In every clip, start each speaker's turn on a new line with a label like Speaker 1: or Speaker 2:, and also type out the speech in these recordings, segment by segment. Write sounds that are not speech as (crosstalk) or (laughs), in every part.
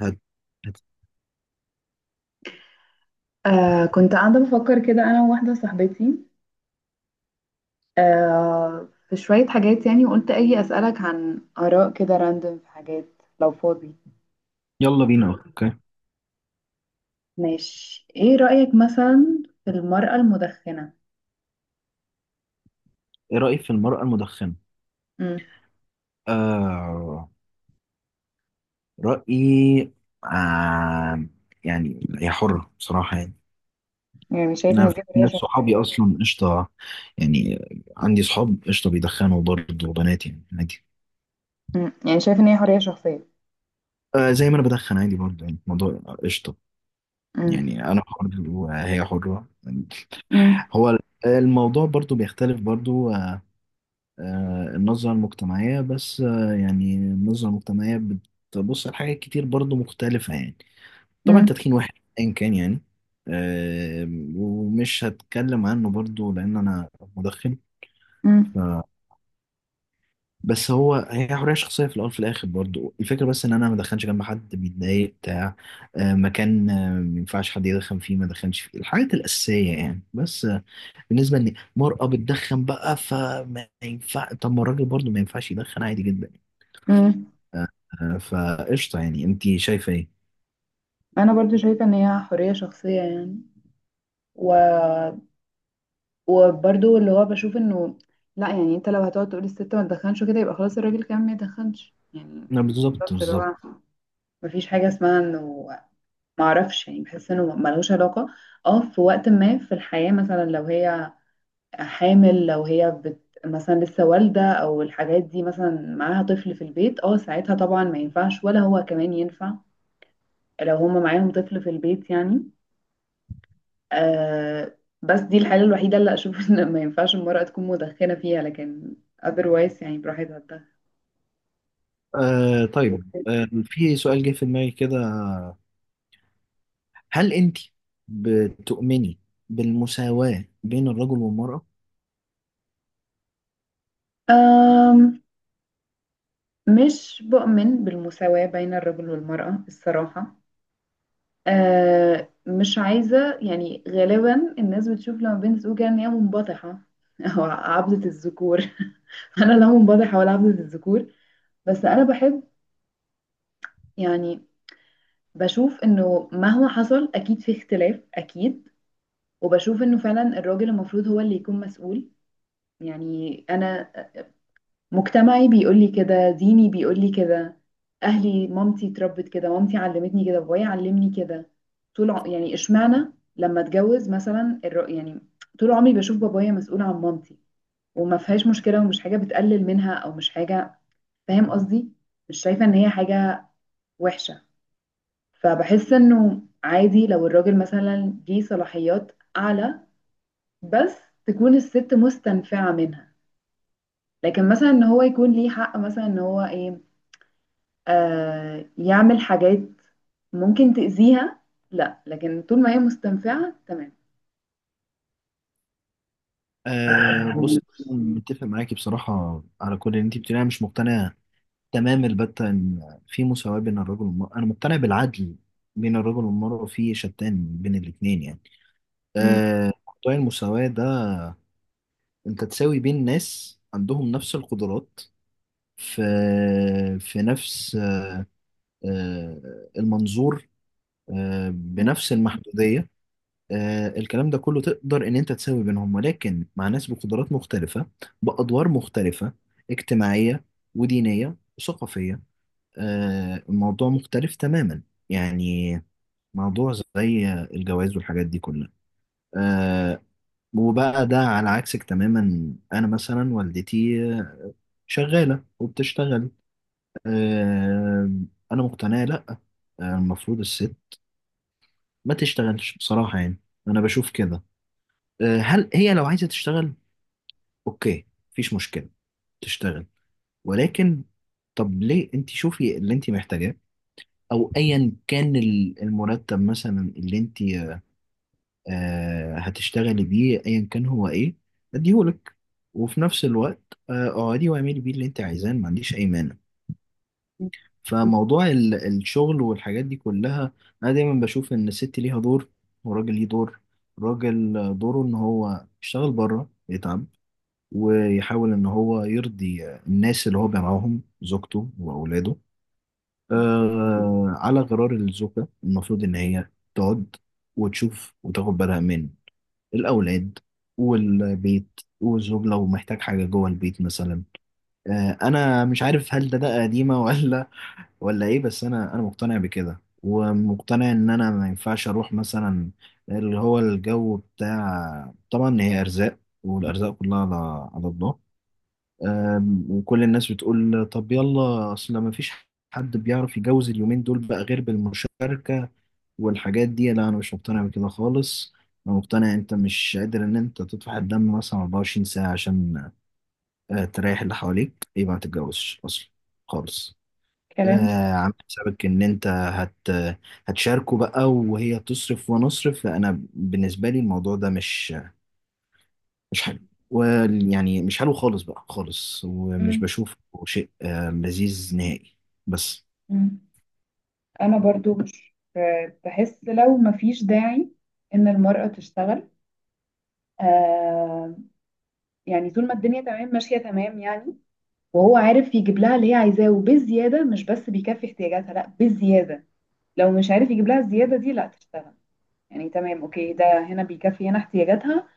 Speaker 1: هد. هد.
Speaker 2: كنت قاعدة بفكر كده أنا وواحدة صاحبتي. في شوية حاجات، يعني وقلت أجي أسألك عن آراء كده راندوم في حاجات لو فاضي.
Speaker 1: يلا بينا اوكي.
Speaker 2: ماشي، إيه رأيك مثلا في المرأة المدخنة؟
Speaker 1: ايه رأيك في المرأة المدخنة؟
Speaker 2: مم.
Speaker 1: آه رأيي، آه يعني هي حرة بصراحة يعني.
Speaker 2: يعني شايف
Speaker 1: انا
Speaker 2: إن
Speaker 1: في
Speaker 2: دي حرية
Speaker 1: ناس
Speaker 2: شخصية.
Speaker 1: صحابي اصلا قشطة، يعني عندي صحاب قشطة بيدخنوا برضه وبنات، يعني عادي.
Speaker 2: مم. يعني شايف إن هي حرية شخصية.
Speaker 1: آه، زي ما انا بدخن عادي برضه، يعني الموضوع قشطة.
Speaker 2: مم.
Speaker 1: يعني انا حر وهي حرة.
Speaker 2: مم.
Speaker 1: هو الموضوع برضه بيختلف برضه النظرة المجتمعية بس، يعني النظرة المجتمعية بتبص على حاجات كتير برضو مختلفة يعني. طبعا
Speaker 2: مم.
Speaker 1: تدخين واحد أيا كان يعني، آه، ومش هتكلم عنه برضو لأن أنا مدخن.
Speaker 2: مم.
Speaker 1: ف... بس هو هي حرية شخصية في الأول في الآخر، برضو الفكرة بس إن أنا ما أدخنش جنب حد بيتضايق بتاع، آه، مكان، ما ينفعش حد يدخن فيه ما أدخنش فيه، الحاجات الأساسية يعني بس، بالنسبة إن مرأة بتدخن بقى فما ينفع، طب ما الراجل برضو ما ينفعش يدخن عادي جدا.
Speaker 2: مم.
Speaker 1: فقشطة، يعني انت شايفة ايه؟
Speaker 2: أنا برضو شايفة إن هي حرية شخصية، يعني و وبرضو اللي هو بشوف انه لا، يعني انت لو هتقعد تقول الست ما تدخنش وكده يبقى خلاص الراجل كمان ما يدخنش يعني.
Speaker 1: لا، بالظبط
Speaker 2: بالظبط، اللي
Speaker 1: بالظبط.
Speaker 2: هو مفيش حاجة اسمها انه ما اعرفش، يعني بحس انه ملوش علاقة. اه في وقت ما في الحياة مثلا، لو هي حامل، لو هي بت مثلا لسه والدة او الحاجات دي مثلا معاها طفل في البيت، ساعتها طبعا ما ينفعش ولا هو كمان ينفع، لو هما معاهم طفل في البيت يعني. بس دي الحالة الوحيدة اللي أشوف (laughs) إن ما ينفعش المرأة تكون مدخنة فيها، لكن otherwise يعني براحتها تدخن.
Speaker 1: آه طيب، آه في سؤال جه في دماغي كده، هل انت بتؤمني بالمساواة بين الرجل والمرأة؟
Speaker 2: آم، مش بؤمن بالمساواة بين الرجل والمرأة الصراحة. مش عايزة، يعني غالبا الناس بتشوف لما بين زوجها إن هي منبطحة (laughs) أو عبدة الذكور. (laughs) أنا لا منبطحة ولا عبدة الذكور. بس أنا بحب، يعني بشوف إنه مهما حصل أكيد في اختلاف أكيد. وبشوف انه فعلا الراجل المفروض هو اللي يكون مسؤول، يعني انا مجتمعي بيقول لي كده، ديني بيقول لي كده، اهلي مامتي اتربت كده، مامتي علمتني كده، بابايا علمني كده. يعني اشمعنى لما اتجوز مثلا يعني طول عمري بشوف بابايا مسؤول عن مامتي، وما فيهاش مشكلة ومش حاجة بتقلل منها او مش حاجة، فاهم قصدي؟ مش شايفة ان هي حاجة وحشة. فبحس انه عادي لو الراجل مثلا ليه صلاحيات اعلى، بس تكون الست مستنفعة منها. لكن مثلا ان هو يكون ليه حق مثلا ان هو ايه، يعمل حاجات ممكن تأذيها، لا. لكن طول ما هي مستنفعة تمام.
Speaker 1: آه بص، متفق معاكي بصراحة على كل اللي انت بتقوليه. انا مش مقتنع تمام البتة ان في مساواة بين الرجل والمرأة، انا مقتنع بالعدل بين الرجل والمرأة، في شتان بين الاتنين يعني.
Speaker 2: مم.
Speaker 1: آه، موضوع المساواة ده، انت تساوي بين ناس عندهم نفس القدرات، في في نفس، المنظور، بنفس المحدودية، الكلام ده كله تقدر ان انت تساوي بينهم، ولكن مع ناس بقدرات مختلفة، بأدوار مختلفة اجتماعية ودينية وثقافية، الموضوع مختلف تماما. يعني موضوع زي الجواز والحاجات دي كلها، آه، وبقى ده على عكسك تماما، انا مثلا والدتي شغالة وبتشتغل. آم، انا مقتنع لا، المفروض الست ما تشتغلش بصراحة يعني، انا بشوف كده. هل هي لو عايزة تشتغل؟ اوكي، مفيش مشكلة، تشتغل. ولكن طب ليه، انت شوفي اللي انت محتاجاه، او ايا كان المرتب مثلا اللي انت هتشتغلي بيه، ايا كان هو ايه، اديهولك. وفي نفس الوقت اقعدي واعملي بيه اللي انت عايزاه، أنا ما عنديش اي مانع. فموضوع الشغل والحاجات دي كلها، انا دايما بشوف ان الست ليها دور والراجل ليه دور. الراجل دوره ان هو يشتغل بره، يتعب، ويحاول ان هو يرضي الناس اللي هو بيرعاهم، زوجته واولاده. آه، على غرار الزوجة المفروض ان هي تقعد، وتشوف، وتاخد بالها من الاولاد والبيت والزوج، لو محتاج حاجة جوه البيت مثلا. انا مش عارف هل ده قديمه، ولا (laughs) ولا ايه. بس انا مقتنع بكده، ومقتنع ان انا ما ينفعش اروح مثلا اللي هو الجو بتاع. طبعا هي ارزاق، والارزاق كلها على الله. آم، وكل الناس بتقول طب يلا، اصل ما فيش حد بيعرف يجوز اليومين دول بقى غير بالمشاركه والحاجات دي. لا، انا مش مقتنع بكده خالص. انا مقتنع انت مش قادر ان انت تطفح الدم مثلا 24 ساعه عشان تريح اللي حواليك، يبقى ما تتجوزش اصلا خالص.
Speaker 2: كلام سليم.
Speaker 1: عامل حسابك ان انت هتشاركه بقى، وهي تصرف وانا اصرف. انا بالنسبه لي الموضوع ده مش حلو، ويعني مش حلو خالص بقى خالص، ومش
Speaker 2: مم.
Speaker 1: بشوفه شيء لذيذ نهائي. بس
Speaker 2: مم. انا برضو مش بحس لو مفيش داعي ان المرأة تشتغل. آه يعني طول ما الدنيا تمام ماشية تمام، يعني وهو عارف يجيب لها اللي هي عايزاه وبالزيادة، مش بس بيكفي احتياجاتها، لا بالزيادة. لو مش عارف يجيب لها الزيادة دي، لا تشتغل. يعني تمام اوكي، ده هنا بيكفي هنا احتياجاتها،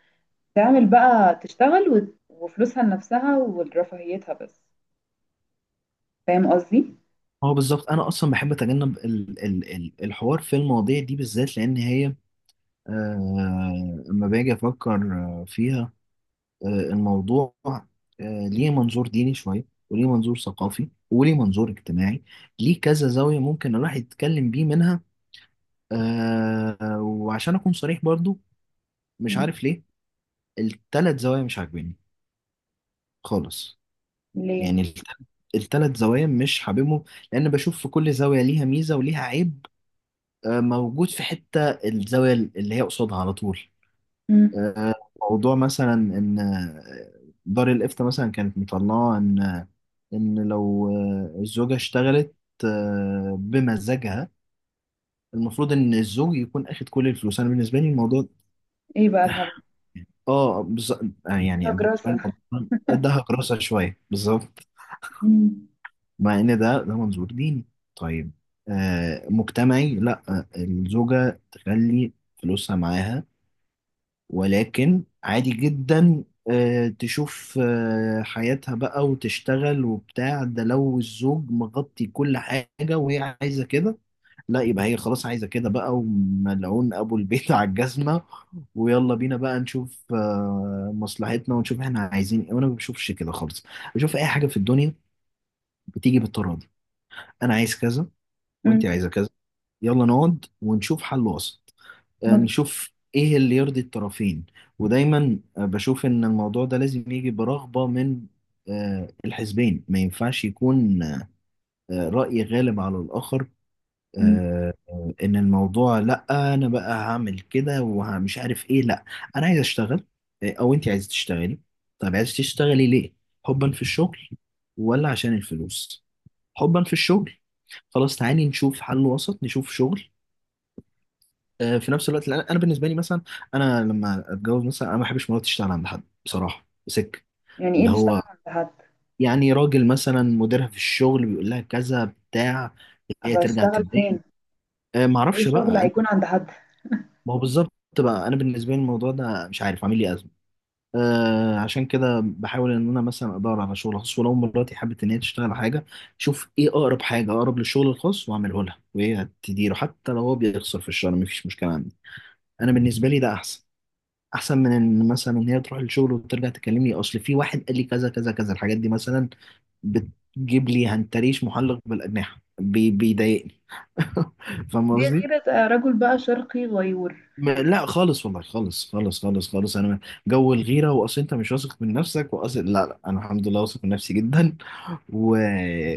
Speaker 2: تعمل بقى تشتغل وفلوسها لنفسها ولرفاهيتها بس. فاهم قصدي؟
Speaker 1: هو بالظبط، انا اصلا بحب اتجنب ال الحوار في المواضيع دي بالذات، لان هي اما باجي افكر فيها، الموضوع ليه منظور ديني شوية، وليه منظور ثقافي، وليه منظور اجتماعي، ليه كذا زاوية ممكن الواحد يتكلم بيه منها. وعشان أكون صريح برضو، مش
Speaker 2: مم.
Speaker 1: عارف ليه التلات زوايا مش عاجبيني خالص.
Speaker 2: ليه؟
Speaker 1: يعني التلات زوايا مش حاببهم، لأن بشوف في كل زاوية ليها ميزة وليها عيب، موجود في حتة الزاوية اللي هي قصادها على طول.
Speaker 2: مم.
Speaker 1: آه، موضوع مثلا ان آه، دار الافتاء مثلا كانت مطلعه ان، ان لو الزوجه اشتغلت بمزاجها، المفروض ان الزوج يكون اخد كل الفلوس. انا بالنسبه لي الموضوع
Speaker 2: ايه بقى الهبل؟
Speaker 1: (laughs) اه بز... يعني
Speaker 2: فيها
Speaker 1: بالنسبه لي
Speaker 2: جراسة.
Speaker 1: الموضوع ده هكرسه شويه بالظبط،
Speaker 2: مم.
Speaker 1: مع ان ده منظور ديني. طيب آه مجتمعي لا، الزوجه تخلي فلوسها معاها، ولكن عادي جدا تشوف حياتها بقى وتشتغل وبتاع ده، لو الزوج مغطي كل حاجة وهي عايزة كده. لا، يبقى هي خلاص عايزة كده بقى، وملعون أبو البيت (laughs) على الجزمة، ويلا بينا بقى نشوف مصلحتنا، ونشوف احنا عايزين ايه. وأنا ما بشوفش كده خالص، بشوف أي حاجة في الدنيا بتيجي بالتراضي. أنا عايز كذا، وأنت
Speaker 2: مم.
Speaker 1: عايزة كذا، يلا نقعد ونشوف حل وسط،
Speaker 2: مم.
Speaker 1: نشوف ايه اللي يرضي الطرفين. ودايما بشوف ان الموضوع ده لازم يجي برغبة من الحزبين، ما ينفعش يكون رأي غالب على الآخر.
Speaker 2: مم.
Speaker 1: ان الموضوع، لا انا بقى هعمل كده ومش عارف ايه، لا. انا عايز اشتغل، او انت عايز تشتغلي؟ طب عايز تشتغلي ليه؟ حبا في الشغل ولا عشان الفلوس؟ حبا في الشغل؟ خلاص تعالي نشوف حل وسط، نشوف شغل في نفس الوقت. لأن انا بالنسبه لي مثلا، لما اتجوز مثلا انا ما بحبش مراتي تشتغل عند حد بصراحه سك.
Speaker 2: يعني
Speaker 1: اللي
Speaker 2: ايه تشتغل
Speaker 1: هو
Speaker 2: عند حد؟
Speaker 1: يعني راجل مثلا مديرها في الشغل بيقول لها كذا بتاع، هي
Speaker 2: اصل
Speaker 1: ترجع
Speaker 2: هشتغل فين؟
Speaker 1: تتضايق، ما
Speaker 2: اي
Speaker 1: اعرفش
Speaker 2: شغل
Speaker 1: بقى
Speaker 2: هيكون عند حد؟
Speaker 1: ما هو بالظبط بقى. انا بالنسبه لي الموضوع ده مش عارف، عامل لي ازمه. آه، عشان كده بحاول ان انا مثلا ادور على شغل خاص، ولو مراتي حابه ان هي تشتغل على حاجه، شوف ايه اقرب حاجه اقرب للشغل الخاص واعمله لها، وهي تديره. حتى لو هو بيخسر في الشهر مفيش مشكله عندي، انا بالنسبه لي ده احسن. احسن من ان مثلا هي تروح الشغل وترجع تكلمني، اصل في واحد قال لي كذا كذا كذا، الحاجات دي مثلا بتجيب لي هنتريش محلق بالاجنحه، بيضايقني. (laughs) فاهم
Speaker 2: دي
Speaker 1: قصدي؟
Speaker 2: غيرة، رجل بقى شرقي غيور.
Speaker 1: لا خالص والله، خالص انا جو الغيره واصل انت مش واثق من نفسك، واصل لا لا، انا الحمد لله واثق من نفسي جدا، و...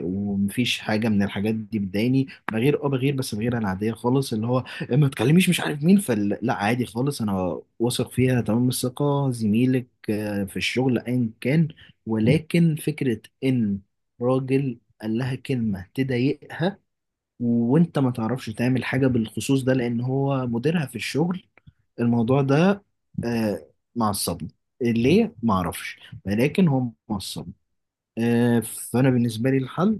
Speaker 1: ومفيش حاجه من الحاجات دي بتضايقني. بغير بس بغير العاديه خالص، اللي هو ما تكلميش مش عارف مين، فلا لا عادي خالص، انا واثق فيها تمام الثقه. زميلك في الشغل ايا كان، ولكن فكره ان راجل قال لها كلمه تضايقها وانت ما تعرفش تعمل حاجه بالخصوص ده لان هو مديرها في الشغل، الموضوع ده آه، معصبني، ليه ما اعرفش، ولكن هم معصبني. فانا بالنسبه لي الحل،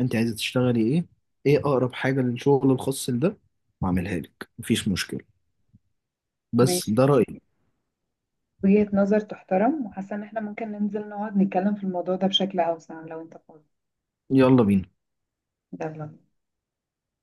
Speaker 1: انت عايزه تشتغلي ايه؟ ايه اقرب حاجه للشغل الخاص ده، واعملها لك، مفيش مشكله. بس
Speaker 2: ماشي.
Speaker 1: ده رايي.
Speaker 2: وجهة نظر تحترم وحاسة ان احنا ممكن ننزل نقعد نتكلم في الموضوع ده بشكل اوسع لو انت فاضي.
Speaker 1: يلا بينا.
Speaker 2: يلا.